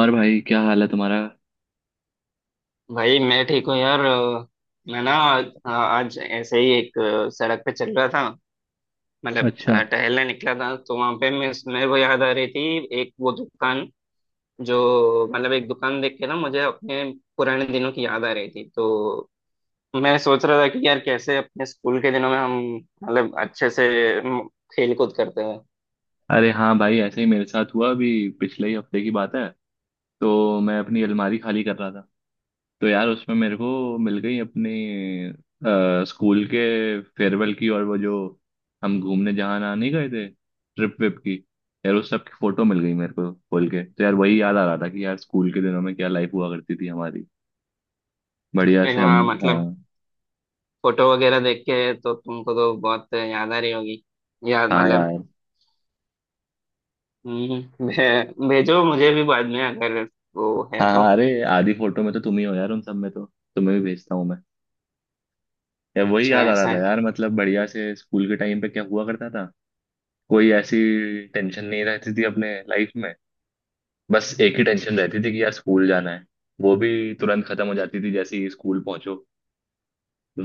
और भाई, क्या हाल है तुम्हारा? भाई मैं ठीक हूँ यार। मैं ना आज ऐसे ही एक सड़क पे चल रहा था। मतलब अच्छा। टहलने निकला था, तो वहां पे मैं मेरे को याद आ रही थी एक वो दुकान जो मतलब एक दुकान देख के ना मुझे अपने पुराने दिनों की याद आ रही थी। तो मैं सोच रहा था कि यार कैसे अपने स्कूल के दिनों में हम मतलब अच्छे से म, खेल कूद करते हैं। अरे हाँ भाई, ऐसे ही मेरे साथ हुआ अभी। पिछले ही हफ्ते की बात है। तो मैं अपनी अलमारी खाली कर रहा था, तो यार उसमें मेरे को मिल गई अपनी स्कूल के फेयरवेल की और वो जो हम घूमने जहाँ ना नहीं गए थे, ट्रिप विप की। यार उस सब की फोटो मिल गई मेरे को खोल के, तो यार वही याद आ रहा था कि यार स्कूल के दिनों में क्या लाइफ हुआ करती थी हमारी, बढ़िया मैं से हम। वहाँ हाँ। मतलब फोटो वगैरह देख के, तो तुमको तो बहुत याद आ रही होगी यार हाँ मतलब। यार। हम्म, भेजो मुझे भी बाद में अगर वो है हाँ तो। हाँ, अरे आधी फोटो में तो तुम ही हो यार उन सब में तो। तुम्हें भी भेजता हूँ मैं। या वही अच्छा याद आ रहा ऐसा था है। यार, मतलब बढ़िया से स्कूल के टाइम पे क्या हुआ करता था। कोई ऐसी टेंशन नहीं रहती थी अपने लाइफ में। बस एक ही टेंशन रहती थी कि यार स्कूल जाना है। वो भी तुरंत खत्म हो जाती थी जैसे ही स्कूल पहुंचो।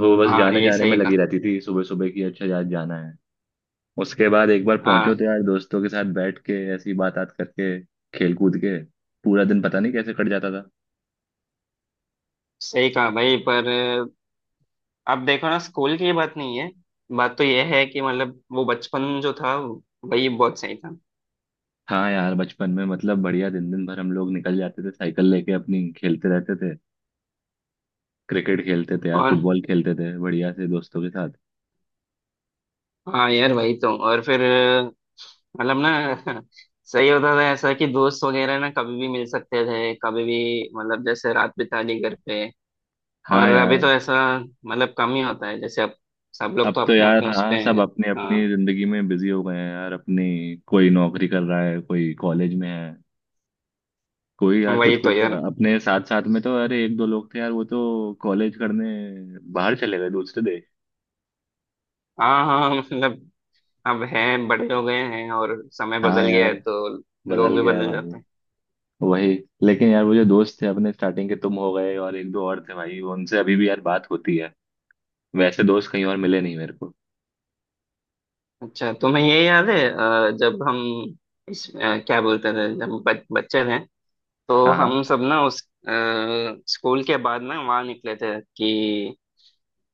वो बस हाँ, जाने ये जाने में सही लगी कहा। रहती थी सुबह सुबह की, अच्छा यार जाना है। उसके बाद एक बार पहुंचो हाँ तो यार दोस्तों के साथ बैठ के ऐसी बात बात करके, खेल कूद के पूरा दिन पता नहीं कैसे कट जाता था। सही कहा भाई, पर अब देखो ना, स्कूल की बात नहीं है। बात तो ये है कि मतलब वो बचपन जो था वही बहुत सही था। हाँ यार, बचपन में मतलब बढ़िया दिन दिन भर हम लोग निकल जाते थे साइकिल लेके अपनी, खेलते रहते थे। क्रिकेट खेलते थे यार, और फुटबॉल खेलते थे बढ़िया से दोस्तों के साथ। हाँ यार वही तो, और फिर मतलब ना सही होता था ऐसा कि दोस्त वगैरह ना कभी भी मिल सकते थे कभी भी, मतलब जैसे रात बिता ली घर पे। और हाँ यार। अभी तो ऐसा मतलब कम ही होता है, जैसे अब सब लोग अब तो तो अपने यार अपने उसपे हाँ, सब हैं। अपनी हाँ अपनी जिंदगी में बिजी हो गए हैं यार। अपनी कोई नौकरी कर रहा है, कोई कॉलेज में है, कोई यार कुछ वही तो कुछ। यार। अपने साथ साथ में तो अरे एक दो लोग थे यार, वो तो कॉलेज करने बाहर चले गए, दूसरे देश। हाँ हाँ मतलब अब हैं, बड़े हो गए हैं और समय हाँ बदल गया यार, है, तो लोग बदल भी गया है बदल भाई। जाते हैं। वही। लेकिन यार वो जो दोस्त थे अपने स्टार्टिंग के, तुम हो गए और एक दो और थे भाई, उनसे अभी भी यार बात होती है। वैसे दोस्त कहीं और मिले नहीं मेरे को। अच्छा, तुम्हें ये याद है जब हम इस क्या बोलते थे जब हम बच्चे थे तो हाँ हाँ। हम सब ना उस अ, स्कूल के बाद ना वहाँ निकले थे कि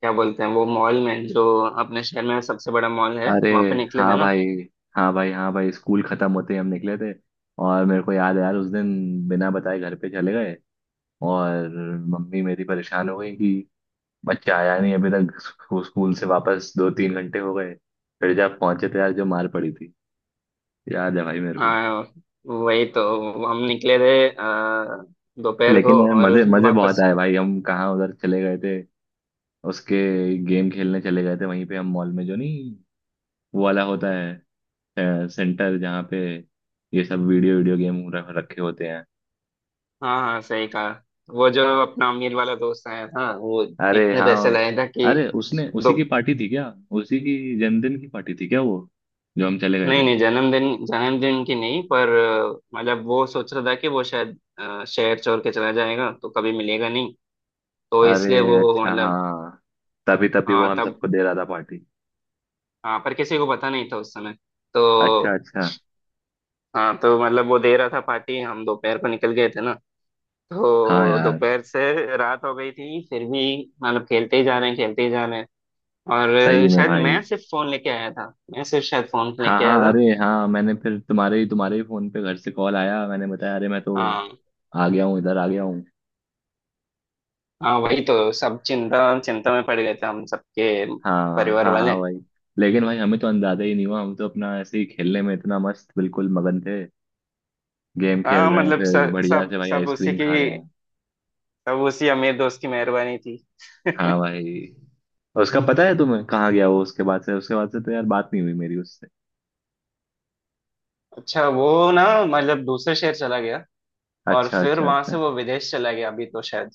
क्या बोलते हैं वो, मॉल में, जो अपने शहर में सबसे बड़ा मॉल है अरे वहाँ पे निकले थे हाँ ना। भाई, हाँ भाई, हाँ भाई, स्कूल खत्म होते ही हम निकले थे। और मेरे को याद है यार उस दिन बिना बताए घर पे चले गए। और मम्मी मेरी परेशान हो गई कि बच्चा आया नहीं अभी तक स्कूल से वापस, दो तीन घंटे हो गए। फिर जब पहुंचे तो यार जो मार पड़ी थी, याद है भाई मेरे को। हाँ वही तो हम निकले थे दोपहर को। लेकिन यार और मजे मजे बहुत वापस। आए भाई, हम कहाँ उधर चले गए थे उसके। गेम खेलने चले गए थे वहीं पे, हम मॉल में जो नहीं वो वाला होता है सेंटर, जहाँ पे ये सब वीडियो वीडियो गेम रखे होते हैं। हाँ हाँ सही कहा। वो जो अपना अमीर वाला दोस्त आया था वो अरे इतने पैसे हाँ। लाया था कि। अरे उसने, दो। उसी की पार्टी थी क्या? उसी की जन्मदिन की पार्टी थी क्या वो, जो हम चले गए नहीं थे? नहीं, जन्मदिन जन्मदिन की नहीं, पर मतलब वो सोच रहा था कि वो शायद शहर छोड़ के चला जाएगा तो कभी मिलेगा नहीं, तो अरे इसलिए वो अच्छा मतलब। हाँ, तभी तभी वो हाँ हम तब। सबको दे रहा था पार्टी। हाँ पर किसी को पता नहीं था उस समय तो। अच्छा अच्छा। हाँ तो मतलब वो दे रहा था पार्टी, हम दोपहर को निकल गए थे ना, हाँ तो यार। दोपहर से रात हो गई थी फिर भी मतलब खेलते ही जा रहे हैं खेलते ही जा रहे हैं, सही और में शायद भाई। मैं सिर्फ फोन लेके आया था। मैं सिर्फ शायद फोन हाँ लेके आया हाँ, था। अरे हाँ, मैंने फिर तुम्हारे ही फोन पे घर से कॉल आया, मैंने बताया अरे मैं तो हाँ आ गया हूँ, इधर आ गया हूँ। हाँ वही तो, सब चिंता चिंता में पड़ गए थे हम सबके हाँ परिवार हाँ वाले। हाँ भाई। लेकिन भाई, हमें तो अंदाजा ही नहीं हुआ, हम तो अपना ऐसे ही खेलने में इतना मस्त, बिल्कुल मगन थे। गेम खेल हाँ रहे हैं, मतलब फिर सब बढ़िया सब से भाई सब उसी आइसक्रीम की, खा रहे हैं। सब उसी अमीर दोस्त की मेहरबानी थी। हाँ भाई। और उसका पता है तुम्हें कहाँ गया वो? उसके बाद से तो यार बात नहीं हुई मेरी उससे। अच्छा वो ना मतलब दूसरे शहर चला गया, और अच्छा फिर अच्छा वहां से अच्छा। वो विदेश चला गया अभी तो शायद।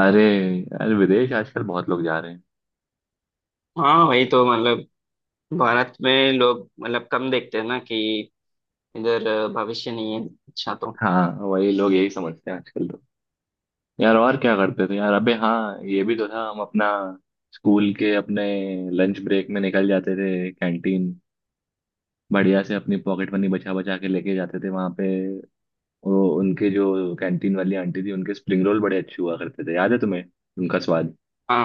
अरे यार विदेश आजकल बहुत लोग जा रहे हैं। हाँ वही तो मतलब भारत में लोग मतलब कम देखते हैं ना कि इधर भविष्य नहीं है अच्छा तो। हाँ, वही लोग यही समझते हैं आजकल तो। यार और क्या करते थे यार, अबे हाँ ये भी तो था, हम अपना स्कूल के अपने लंच ब्रेक में निकल जाते थे कैंटीन, बढ़िया से अपनी पॉकेट मनी बचा बचा के लेके जाते थे वहां पे। वो उनके जो कैंटीन वाली आंटी थी, उनके स्प्रिंग रोल बड़े अच्छे हुआ करते थे, याद है तुम्हें उनका स्वाद? हाँ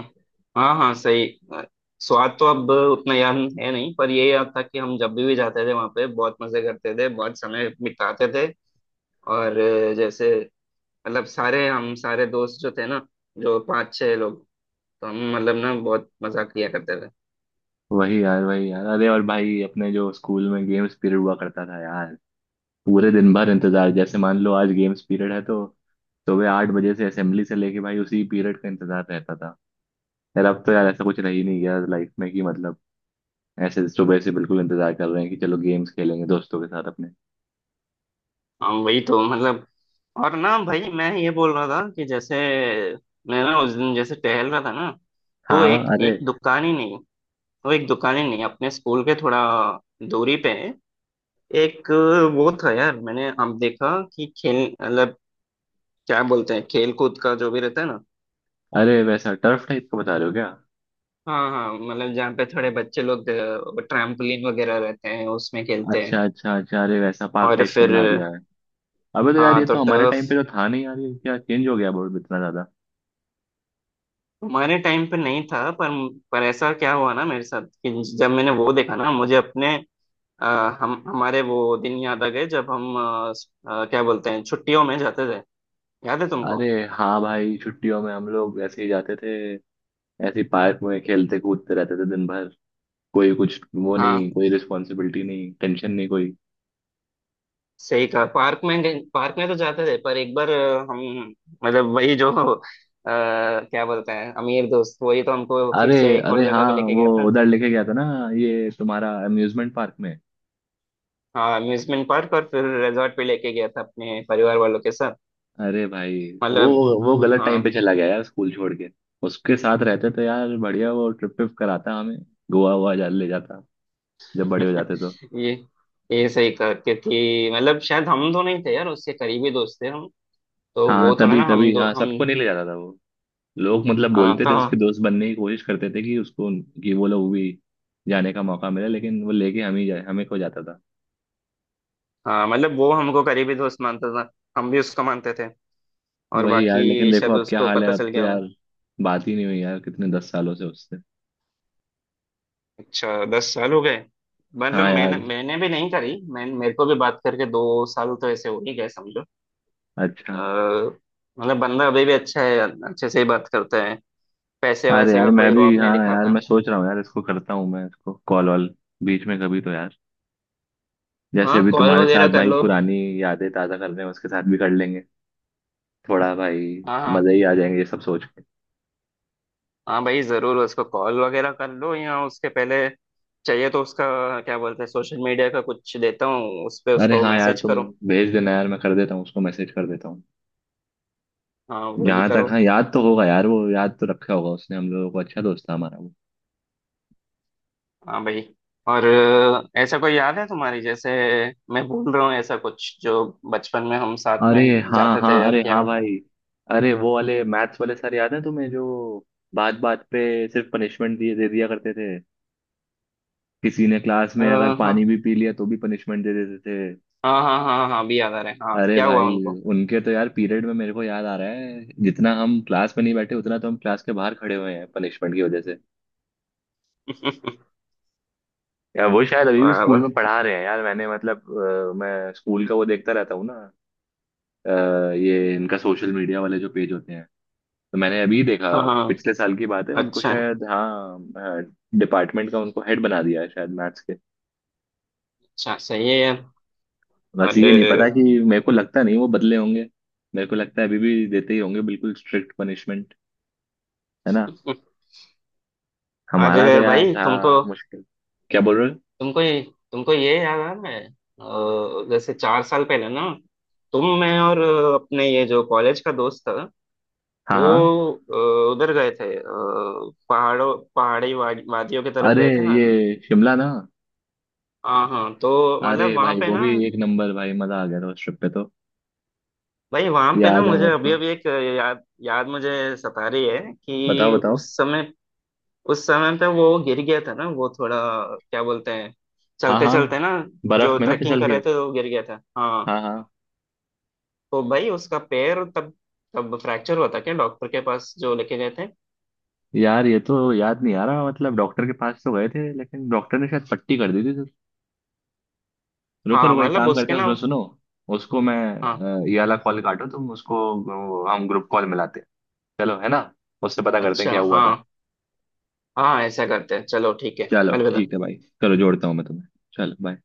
हाँ हाँ सही। अ, स्वाद तो अब उतना याद है नहीं, पर ये याद था कि हम जब भी जाते थे वहाँ पे बहुत मजे करते थे, बहुत समय बिताते थे। और जैसे मतलब सारे, हम सारे दोस्त जो थे ना, जो पांच छह लोग, तो हम मतलब ना बहुत मजा किया करते थे। वही यार, वही यार। अरे और भाई, अपने जो स्कूल में गेम्स पीरियड हुआ करता था यार, पूरे दिन भर इंतजार। जैसे मान लो आज गेम्स पीरियड है तो सुबह आठ बजे से असेंबली से लेके भाई उसी पीरियड का इंतजार रहता था। यार अब तो यार ऐसा कुछ रह ही नहीं गया लाइफ में कि मतलब ऐसे सुबह से बिल्कुल इंतजार कर रहे हैं कि चलो गेम्स खेलेंगे दोस्तों के साथ अपने। हाँ वही तो मतलब। और ना भाई मैं ये बोल रहा था कि जैसे मैं ना उस दिन जैसे टहल रहा था ना, तो हाँ। एक अरे। एक दुकान ही नहीं, वो एक दुकानें नहीं, अपने स्कूल के थोड़ा दूरी पे है एक। वो था यार मैंने अब देखा कि खेल मतलब क्या बोलते हैं, खेल कूद का जो भी रहता है ना। अरे, वैसा टर्फ टाइप का बता रहे हो क्या? हाँ हाँ मतलब जहाँ पे थोड़े बच्चे लोग ट्रैम्पोलिन वगैरह रहते हैं, उसमें खेलते हैं। अच्छा अच्छा अच्छा, अरे वैसा पार्क और टाइप का फिर बना दिया है। अबे तो यार हाँ ये तो तो हमारे टर्फ टाइम पे तो था नहीं यार, ये क्या चेंज हो गया बोर्ड इतना। हमारे टाइम पे नहीं था, पर ऐसा क्या हुआ ना मेरे साथ कि जब मैंने वो देखा ना, मुझे अपने अ, हम हमारे वो दिन याद आ गए जब हम क्या बोलते हैं छुट्टियों में जाते थे। याद है अरे तुमको। हाँ भाई, छुट्टियों में हम लोग ऐसे ही जाते थे, ऐसे ही पार्क में खेलते कूदते रहते थे दिन भर। कोई कुछ वो हाँ नहीं, कोई रिस्पॉन्सिबिलिटी नहीं, टेंशन नहीं, कोई। सही कहा। पार्क में तो जाते थे, पर एक बार हम मतलब वही जो क्या बोलते हैं अमीर दोस्त, वही तो हमको फिर अरे। से एक और अरे जगह हाँ, पे लेके वो गया था। उधर लेके गया था ना, ये तुम्हारा अम्यूजमेंट पार्क में। हाँ अम्यूजमेंट पार्क, और फिर रिजॉर्ट पे लेके गया था अपने परिवार वालों के साथ, अरे भाई, वो मतलब। वो गलत टाइम पे हाँ चला गया यार, स्कूल छोड़ के। उसके साथ रहते तो यार बढ़िया, वो ट्रिप ट्रिप कराता हमें, गोवा वोवा जा ले जाता जब बड़े हो जाते तो। ये ये सही कहा, क्योंकि मतलब शायद हम दो नहीं थे यार उसके करीबी दोस्त थे हम, तो हाँ वो थोड़ा तभी ना हम तभी, दो हाँ, हम। सबको नहीं ले जाता था। लोग मतलब बोलते थे, तो उसके दोस्त बनने की कोशिश करते थे, कि उसको, कि वो लोग भी जाने का मौका मिले, लेकिन वो लेके हम ही जाए, हमें खो जाता था। हाँ मतलब वो हमको करीबी दोस्त मानता था, हम भी उसको मानते थे। और वही यार, लेकिन बाकी देखो शायद अब क्या उसको हाल है, पता अब चल तो गया होगा। यार बात ही नहीं हुई यार, कितने दस सालों से उससे। अच्छा, दस साल हो गए। मतलब हाँ यार। मैंने मैंने भी नहीं करी, मैं मेरे को भी बात करके दो साल तो ऐसे हो ही गए समझो। अच्छा। अ, मतलब बंदा अभी भी अच्छा है, अच्छे से ही बात करता है, पैसे अरे वैसे यार का मैं कोई भी, रौब नहीं हाँ यार दिखाता। मैं सोच रहा हूँ यार, इसको करता हूँ मैं, इसको कॉल वॉल बीच में कभी तो यार, जैसे हाँ अभी कॉल तुम्हारे वगैरह साथ कर भाई लो। पुरानी यादें ताज़ा कर रहे हैं, उसके साथ भी कर लेंगे थोड़ा भाई। हाँ हाँ। मज़े ही आ जाएंगे ये सब सोच के। हाँ भाई जरूर उसको कॉल वगैरह कर लो, या उसके पहले चाहिए तो उसका क्या बोलते हैं, सोशल मीडिया का कुछ देता हूँ, उस पर अरे उसको हाँ यार, मैसेज तुम करो। भेज देना यार, मैं कर देता हूँ उसको, मैसेज कर देता हूँ। हाँ वो ही यहाँ तक करो। हाँ, याद तो होगा यार, वो याद तो रखा होगा उसने हम लोगों को, अच्छा दोस्त था हमारा वो। हाँ भाई। और ऐसा कोई याद है तुम्हारी जैसे मैं भूल रहा हूँ ऐसा कुछ जो बचपन में हम साथ अरे में हाँ जाते हाँ, थे, और अरे क्या हाँ करता। भाई, अरे वो वाले मैथ्स वाले सर याद है तुम्हें, जो बात बात पे सिर्फ पनिशमेंट दिए दे दिया करते थे? किसी ने क्लास में अगर हाँ पानी हाँ भी पी लिया तो भी पनिशमेंट दे देते थे। हाँ हाँ हाँ हाँ, अभी याद आ रहा है। हाँ, अरे क्या हुआ भाई, उनको। उनके तो यार पीरियड में मेरे को याद आ रहा है, जितना हम क्लास में नहीं बैठे उतना तो हम क्लास के बाहर खड़े हुए हैं पनिशमेंट की वजह से। यार वो शायद अभी भी वाह स्कूल वाह। में पढ़ा रहे हैं यार, मैंने मतलब मैं स्कूल का वो देखता रहता हूँ ना, अ, ये इनका सोशल मीडिया वाले जो पेज होते हैं, तो मैंने अभी देखा, हाँ हाँ, पिछले साल की बात है, उनको अच्छा। शायद हाँ डिपार्टमेंट का उनको हेड बना दिया है शायद मैथ्स के। अच्छा सही है यार। बस और ये नहीं पता अ, कि, मेरे को लगता नहीं वो बदले होंगे। मेरे को लगता है अभी भी देते ही होंगे बिल्कुल स्ट्रिक्ट पनिशमेंट, है ना? हमारा तो और यार भाई तुमको हाँ मुश्किल। क्या बोल रहे हो? तुमको ये तुमको ये याद आ रहा है जैसे चार साल पहले ना, तुम मैं और अपने ये जो कॉलेज का दोस्त था हाँ वो हाँ। उधर गए थे, पहाड़ों पहाड़ी वादियों की तरफ अरे गए थे ना। ये शिमला ना? हाँ हाँ तो अरे मतलब वहां भाई पे वो ना, भी एक नंबर भाई, मजा आ गया था उस ट्रिप पे तो। भाई वहां पे ना याद है मुझे मेरे अभी को। अभी एक याद याद मुझे सता रही है कि बताओ उस बताओ। समय, उस समय पे वो गिर गया था ना वो थोड़ा, क्या बोलते हैं, हाँ चलते हाँ, चलते ना, जो बर्फ में ना ट्रैकिंग फिसल कर के। रहे थे वो गिर गया था हाँ, हाँ हाँ, तो भाई उसका पैर तब तब फ्रैक्चर हुआ था क्या, डॉक्टर के पास जो लेके गए थे। यार ये तो याद नहीं आ रहा, मतलब डॉक्टर के पास तो गए थे, लेकिन डॉक्टर ने शायद पट्टी कर दी थी तो। रुको हाँ रुको, एक मतलब काम करते उसके हैं, ना। सुनो सुनो, उसको मैं हाँ। ये वाला कॉल काटो तुम उसको, हम ग्रुप कॉल मिलाते हैं, चलो, है ना? उससे पता करते हैं अच्छा क्या हुआ हाँ। था। हाँ ऐसा करते हैं चलो ठीक है। चलो अलविदा। ठीक है भाई, चलो जोड़ता हूँ मैं तुम्हें, चलो बाय।